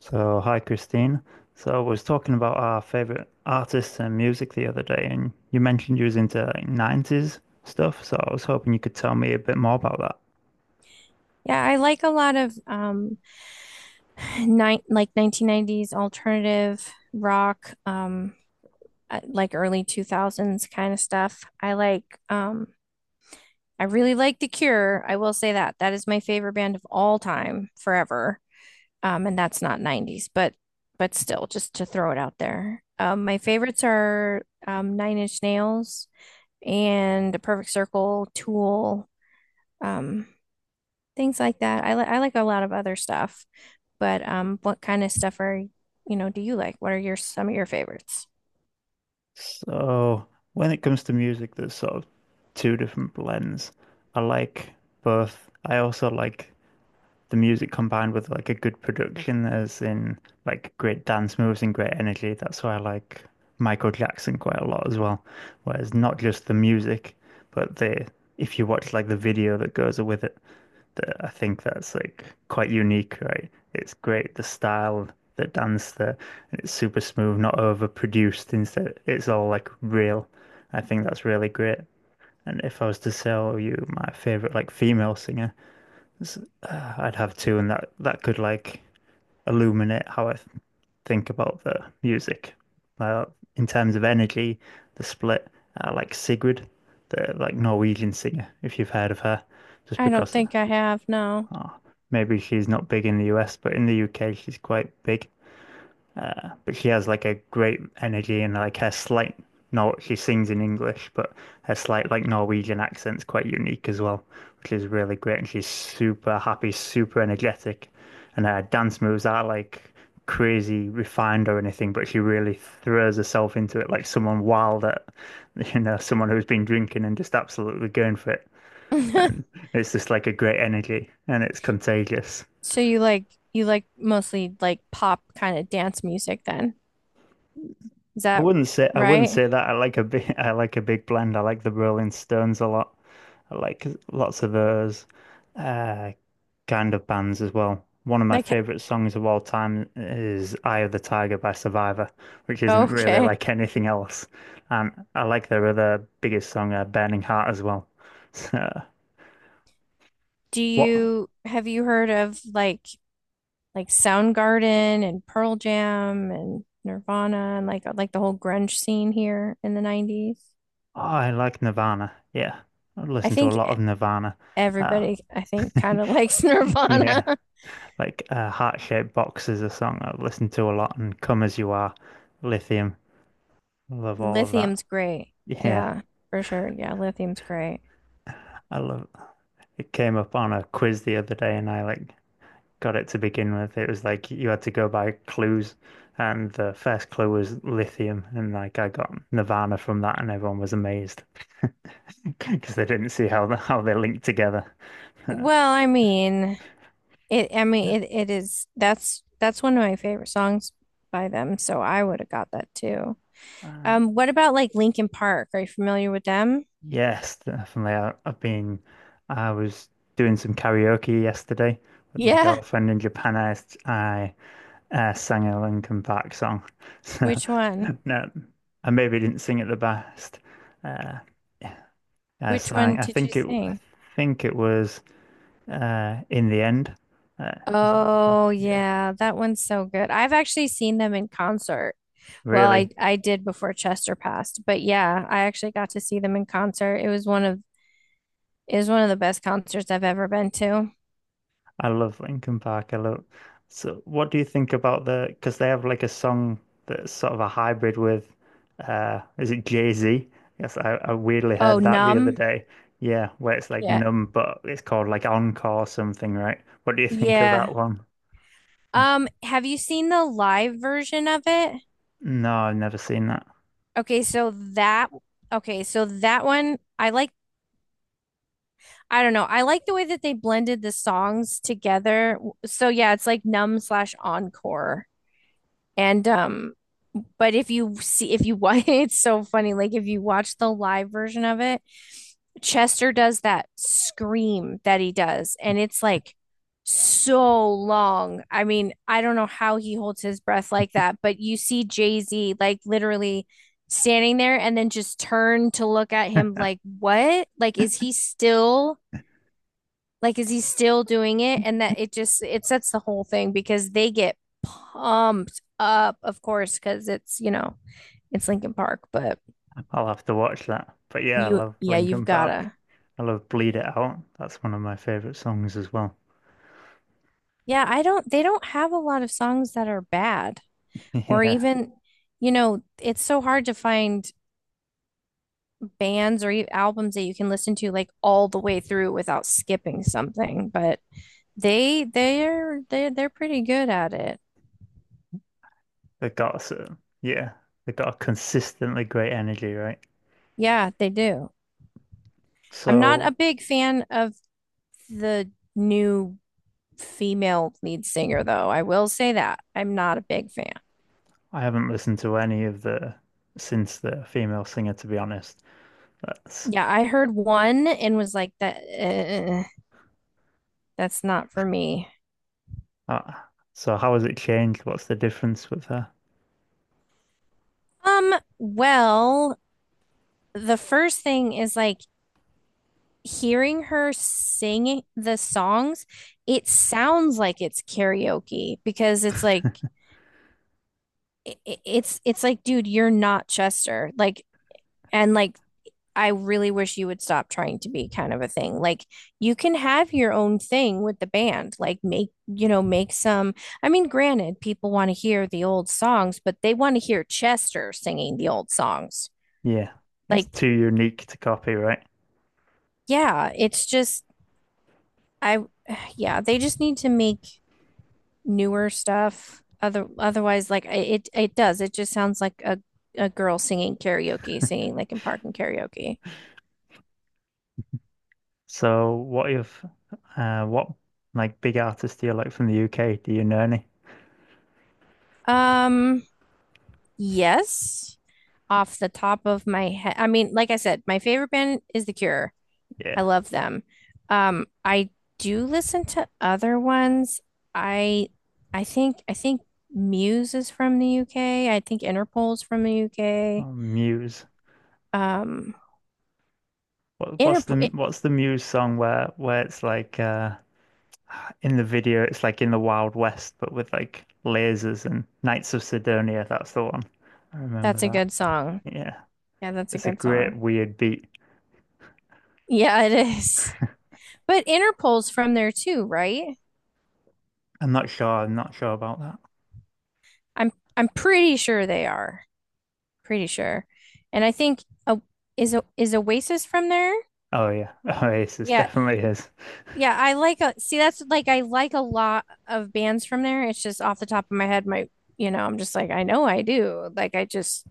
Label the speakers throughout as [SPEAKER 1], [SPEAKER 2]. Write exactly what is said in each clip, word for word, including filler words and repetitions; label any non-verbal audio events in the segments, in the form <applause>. [SPEAKER 1] So, hi Christine. So, I was talking about our favorite artists and music the other day, and you mentioned you was into like, nineties stuff. So, I was hoping you could tell me a bit more about that.
[SPEAKER 2] Yeah, I like a lot of um nine like nineteen nineties alternative rock um uh, like early two thousands kind of stuff. I like um I really like The Cure. I will say that. That is my favorite band of all time forever. Um and that's not nineties, but but still just to throw it out there. Um my favorites are um Nine Inch Nails and The Perfect Circle, Tool, um things like that. I li I like a lot of other stuff. But um, what kind of stuff are, you know, do you like? What are your some of your favorites?
[SPEAKER 1] So, when it comes to music, there's sort of two different blends. I like both. I also like the music combined with like a good production, as in like great dance moves and great energy. That's why I like Michael Jackson quite a lot as well. Whereas not just the music, but the if you watch like the video that goes with it, that I think that's like quite unique, right? It's great the style, the dance, the and it's super smooth, not overproduced. Instead, it's all like real. I think that's really great. And if I was to sell you my favorite like female singer. It's- uh, I'd have two, and that that could like illuminate how I th- think about the music. Uh, in terms of energy, the split, uh, like Sigrid, the like Norwegian singer, if you've heard of her, just
[SPEAKER 2] I don't
[SPEAKER 1] because uh,
[SPEAKER 2] think I have, no.
[SPEAKER 1] oh, maybe she's not big in the U S, but in the U K she's quite big. Uh, but she has like a great energy and like her slight Nor she sings in English, but her slight like Norwegian accent's quite unique as well, which is really great. And she's super happy, super energetic, and her dance moves aren't like crazy refined or anything, but she really throws herself into it like someone wild at, <laughs> you know, someone who's been drinking and just absolutely going for it. And
[SPEAKER 2] <laughs>
[SPEAKER 1] it's just like a great energy and it's contagious.
[SPEAKER 2] So you like you like mostly like pop kind of dance music then. Is
[SPEAKER 1] I
[SPEAKER 2] that
[SPEAKER 1] wouldn't say I wouldn't
[SPEAKER 2] right?
[SPEAKER 1] say that. I like a big <laughs> I like a big blend. I like the Rolling Stones a lot. I like lots of those uh, kind of bands as well. One of my
[SPEAKER 2] Like,
[SPEAKER 1] favorite songs of all time is "Eye of the Tiger" by Survivor, which isn't really
[SPEAKER 2] okay.
[SPEAKER 1] like <laughs> anything else. And I like their other biggest song, uh, "Burning Heart," as well. <laughs> So
[SPEAKER 2] Do
[SPEAKER 1] what? Oh,
[SPEAKER 2] you have you heard of like like Soundgarden and Pearl Jam and Nirvana and like like the whole grunge scene here in the nineties?
[SPEAKER 1] I like Nirvana. Yeah, I
[SPEAKER 2] I
[SPEAKER 1] listen to a
[SPEAKER 2] think
[SPEAKER 1] lot
[SPEAKER 2] e-,
[SPEAKER 1] of Nirvana. Uh,
[SPEAKER 2] everybody I think kind of likes <laughs>
[SPEAKER 1] <laughs>
[SPEAKER 2] Nirvana.
[SPEAKER 1] yeah. Like uh, heart-shaped boxes a song I've listened to a lot, and Come As You Are, Lithium. I love all of that.
[SPEAKER 2] Lithium's great.
[SPEAKER 1] Yeah,
[SPEAKER 2] Yeah, for sure. Yeah, lithium's great.
[SPEAKER 1] I love it came up on a quiz the other day and I like got it to begin with. It was like you had to go by clues and the first clue was lithium and like I got Nirvana from that and everyone was amazed <laughs> because they didn't see how the, how they linked together. <laughs>
[SPEAKER 2] Well, I mean, it I mean it it is that's that's one of my favorite songs by them, so I would have got that too.
[SPEAKER 1] And
[SPEAKER 2] Um, what about like Linkin Park? Are you familiar with them?
[SPEAKER 1] yes, definitely. I, I've been, I was doing some karaoke yesterday with my
[SPEAKER 2] Yeah.
[SPEAKER 1] girlfriend in Japan. I, s- I, uh, sang a Linkin Park song. <laughs> So,
[SPEAKER 2] Which one?
[SPEAKER 1] no, I maybe didn't sing it the best. Uh, yeah, I
[SPEAKER 2] Which
[SPEAKER 1] sang,
[SPEAKER 2] one
[SPEAKER 1] I
[SPEAKER 2] did you
[SPEAKER 1] think it, I
[SPEAKER 2] sing?
[SPEAKER 1] think it was, uh, In the End. Uh, is that the good?
[SPEAKER 2] Oh
[SPEAKER 1] Yeah,
[SPEAKER 2] yeah, that one's so good. I've actually seen them in concert. Well, I
[SPEAKER 1] really.
[SPEAKER 2] I did before Chester passed, but yeah, I actually got to see them in concert. It was one of It was one of the best concerts I've ever been to.
[SPEAKER 1] I love Linkin Park. I love. So, what do you think about the? Because they have like a song that's sort of a hybrid with, uh, is it Jay-Z? Yes, I, I weirdly
[SPEAKER 2] Oh,
[SPEAKER 1] heard that the other
[SPEAKER 2] Numb.
[SPEAKER 1] day. Yeah, where it's like
[SPEAKER 2] Yeah.
[SPEAKER 1] numb, but it's called like Encore or something, right? What do you <laughs> think of
[SPEAKER 2] Yeah.
[SPEAKER 1] that one?
[SPEAKER 2] Um, have you seen the live version of it?
[SPEAKER 1] No, I've never seen that.
[SPEAKER 2] Okay, so that okay, so that one I like I don't know. I like the way that they blended the songs together. So yeah, it's like Numb slash Encore. And um, but if you see if you watch, <laughs> it's so funny. Like if you watch the live version of it, Chester does that scream that he does, and it's like so long. I mean, I don't know how he holds his breath like that, but you see Jay-Z like literally standing there and then just turn to look at him like, what? Like, is he still like, is he still doing it? And that it just it sets the whole thing because they get pumped up, of course, because it's, you know, it's Linkin Park, but
[SPEAKER 1] I'll have to watch that. But yeah, I
[SPEAKER 2] you
[SPEAKER 1] love
[SPEAKER 2] yeah, you've
[SPEAKER 1] Linkin Park.
[SPEAKER 2] gotta.
[SPEAKER 1] I love Bleed It Out. That's one of my favorite songs as well.
[SPEAKER 2] Yeah, I don't they don't have a lot of songs that are bad
[SPEAKER 1] <laughs>
[SPEAKER 2] or
[SPEAKER 1] Yeah,
[SPEAKER 2] even, you know, it's so hard to find bands or e- albums that you can listen to like all the way through without skipping something, but they they're they they're pretty good at it.
[SPEAKER 1] they got so yeah, they got a consistently great energy, right?
[SPEAKER 2] Yeah, they do. I'm not a
[SPEAKER 1] So
[SPEAKER 2] big fan of the new female lead singer, though. I will say that I'm not a big fan.
[SPEAKER 1] I haven't listened to any of the since the female singer, to be honest. That's
[SPEAKER 2] Yeah, I heard one and was like, that uh, that's not for me.
[SPEAKER 1] uh, so how has it changed? What's the difference with her?
[SPEAKER 2] Um, well, the first thing is like hearing her sing the songs, it sounds like it's karaoke because it's like i- it's it's like, dude, you're not Chester. Like and like I really wish you would stop trying to be kind of a thing. Like you can have your own thing with the band. Like make, you know, make some I mean, granted, people want to hear the old songs, but they want to hear Chester singing the old songs.
[SPEAKER 1] Yeah, it's
[SPEAKER 2] Like,
[SPEAKER 1] too unique to copy, right?
[SPEAKER 2] yeah, it's just I <sighs> yeah, they just need to make newer stuff. Other otherwise, like it it does. It just sounds like a a girl singing karaoke, singing like in park and karaoke.
[SPEAKER 1] So what if uh what like big artists do you like from the U K? Do you know any?
[SPEAKER 2] Um, yes, off the top of my head. I mean, like I said, my favorite band is The Cure. I
[SPEAKER 1] Yeah.
[SPEAKER 2] love them. Um, I do listen to other ones. I I think I think Muse is from the U K. I think Interpol's from the U K.
[SPEAKER 1] Oh, Muse.
[SPEAKER 2] Um,
[SPEAKER 1] What, what's
[SPEAKER 2] Interpol,
[SPEAKER 1] the
[SPEAKER 2] eh,
[SPEAKER 1] what's the Muse song where where it's like uh in the video it's like in the Wild West but with like lasers and Knights of Sidonia, that's the one. I
[SPEAKER 2] that's a
[SPEAKER 1] remember.
[SPEAKER 2] good song.
[SPEAKER 1] Yeah,
[SPEAKER 2] Yeah, that's a
[SPEAKER 1] it's a
[SPEAKER 2] good
[SPEAKER 1] great
[SPEAKER 2] song.
[SPEAKER 1] weird beat.
[SPEAKER 2] Yeah, it is. <laughs> But Interpol's from there too, right?
[SPEAKER 1] I'm not sure. I'm not sure about that.
[SPEAKER 2] I'm I'm pretty sure they are. Pretty sure. And I think uh, is O- is Oasis from there?
[SPEAKER 1] Oh yeah, <laughs> Oasis
[SPEAKER 2] Yeah,
[SPEAKER 1] definitely is.
[SPEAKER 2] yeah, I like a see that's like I like a lot of bands from there. It's just off the top of my head, my you know, I'm just like I know I do. Like I just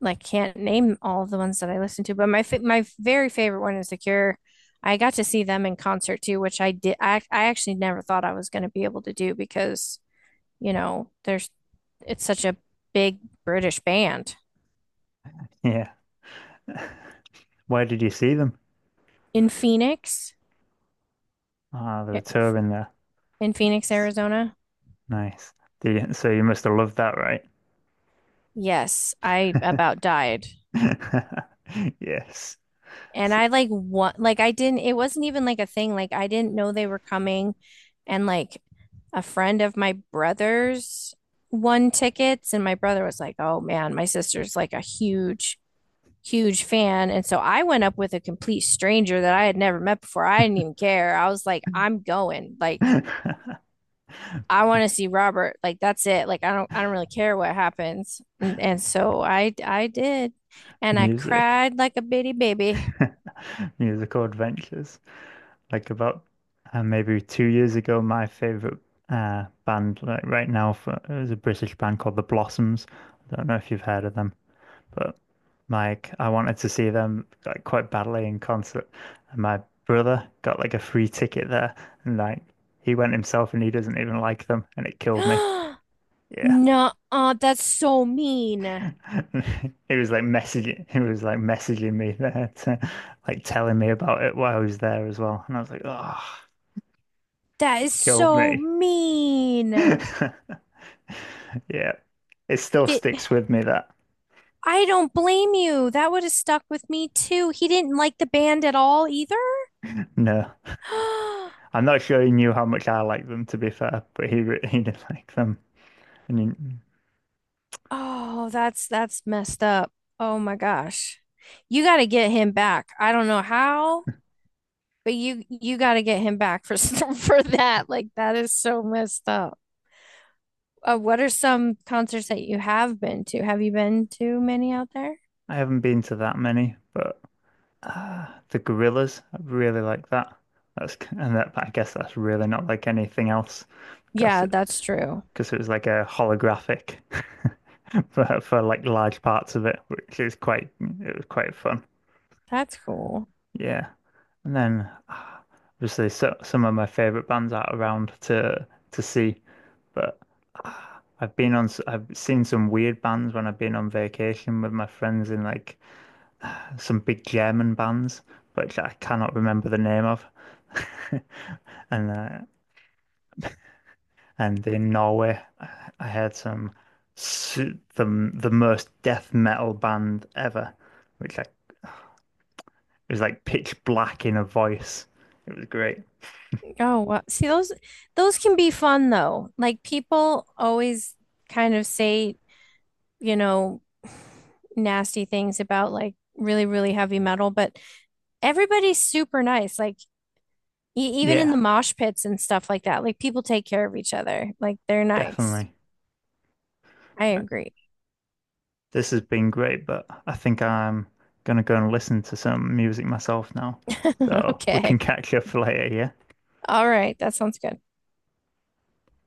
[SPEAKER 2] like can't name all of the ones that I listen to, but my fa my very favorite one is The Cure. I got to see them in concert too, which I did I I actually never thought I was going to be able to do because, you know, there's it's such a big British band
[SPEAKER 1] Yeah. Where did you see them?
[SPEAKER 2] in Phoenix,
[SPEAKER 1] Ah, they were
[SPEAKER 2] eh,
[SPEAKER 1] touring there.
[SPEAKER 2] in Phoenix,
[SPEAKER 1] Nice.
[SPEAKER 2] Arizona.
[SPEAKER 1] Nice. Did you, so you must have loved that, right?
[SPEAKER 2] Yes, I about died.
[SPEAKER 1] <laughs> Yes.
[SPEAKER 2] And I like what like I didn't it wasn't even like a thing. Like I didn't know they were coming, and like a friend of my brother's won tickets and my brother was like, "Oh man, my sister's like a huge huge fan." And so I went up with a complete stranger that I had never met before. I didn't even care. I was like, "I'm going. Like,
[SPEAKER 1] S- <laughs>
[SPEAKER 2] I want to see Robert. Like, that's it. Like, I don't I don't really care what happens." And and so I I did. And I
[SPEAKER 1] Music.
[SPEAKER 2] cried like a bitty baby.
[SPEAKER 1] <laughs> Musical adventures. Like about uh, maybe two years ago, my favorite uh, band like right now for, it was a British band called The Blossoms. I don't know if you've heard of them. But like I wanted to see them like quite badly in concert. And my brother got like a free ticket there and like he went himself and he doesn't even like them and it killed me.
[SPEAKER 2] <gasps>
[SPEAKER 1] Yeah.
[SPEAKER 2] No, that's so mean.
[SPEAKER 1] <laughs> He was like messaging he was like messaging me there to like telling me about it while I was there as well. And I was like, oh,
[SPEAKER 2] That is
[SPEAKER 1] killed
[SPEAKER 2] so
[SPEAKER 1] me.
[SPEAKER 2] mean.
[SPEAKER 1] <laughs> Yeah. It still
[SPEAKER 2] It,
[SPEAKER 1] sticks with me that
[SPEAKER 2] I don't blame you. That would have stuck with me too. He didn't like the band at all either.
[SPEAKER 1] no.
[SPEAKER 2] <gasps>
[SPEAKER 1] I'm not sure he knew how much I like them to be fair, but he re- <laughs> he did like them. And he,
[SPEAKER 2] Oh, that's that's messed up. Oh my gosh. You got to get him back. I don't know how, but you you got to get him back for <laughs> for that. Like that is so messed up. Uh, what are some concerts that you have been to? Have you been to many out there?
[SPEAKER 1] I haven't been to that many, but uh, the gorillas, I really like that. That's and that, but I guess that's really not like anything else because
[SPEAKER 2] Yeah,
[SPEAKER 1] it,
[SPEAKER 2] that's true.
[SPEAKER 1] because it was like a holographic <laughs> for for like large parts of it, which is quite it was quite fun.
[SPEAKER 2] That's cool.
[SPEAKER 1] Yeah, and then <sighs> ah, obviously so, some of my favorite bands are around to to see, but <sighs> ah, I've been on s- I've seen some weird bands when I've been on vacation with my friends in like some big German bands, which I cannot remember the name of. <laughs> And uh, and in Norway, I I heard some s- the the most death metal band ever, which like it was like pitch black in a voice. It was great.
[SPEAKER 2] Oh, well, see those those can be fun though. Like people always kind of say, you know, <sighs> nasty things about like really, really heavy metal, but everybody's super nice. Like e even in the
[SPEAKER 1] Yeah,
[SPEAKER 2] mosh pits and stuff like that, like people take care of each other. Like they're nice.
[SPEAKER 1] definitely.
[SPEAKER 2] I
[SPEAKER 1] Right.
[SPEAKER 2] agree.
[SPEAKER 1] This has been great, but I think I'm gonna go and listen to some music myself now.
[SPEAKER 2] <laughs>
[SPEAKER 1] So we can
[SPEAKER 2] Okay.
[SPEAKER 1] catch up <laughs> later, yeah?
[SPEAKER 2] All right. That sounds good.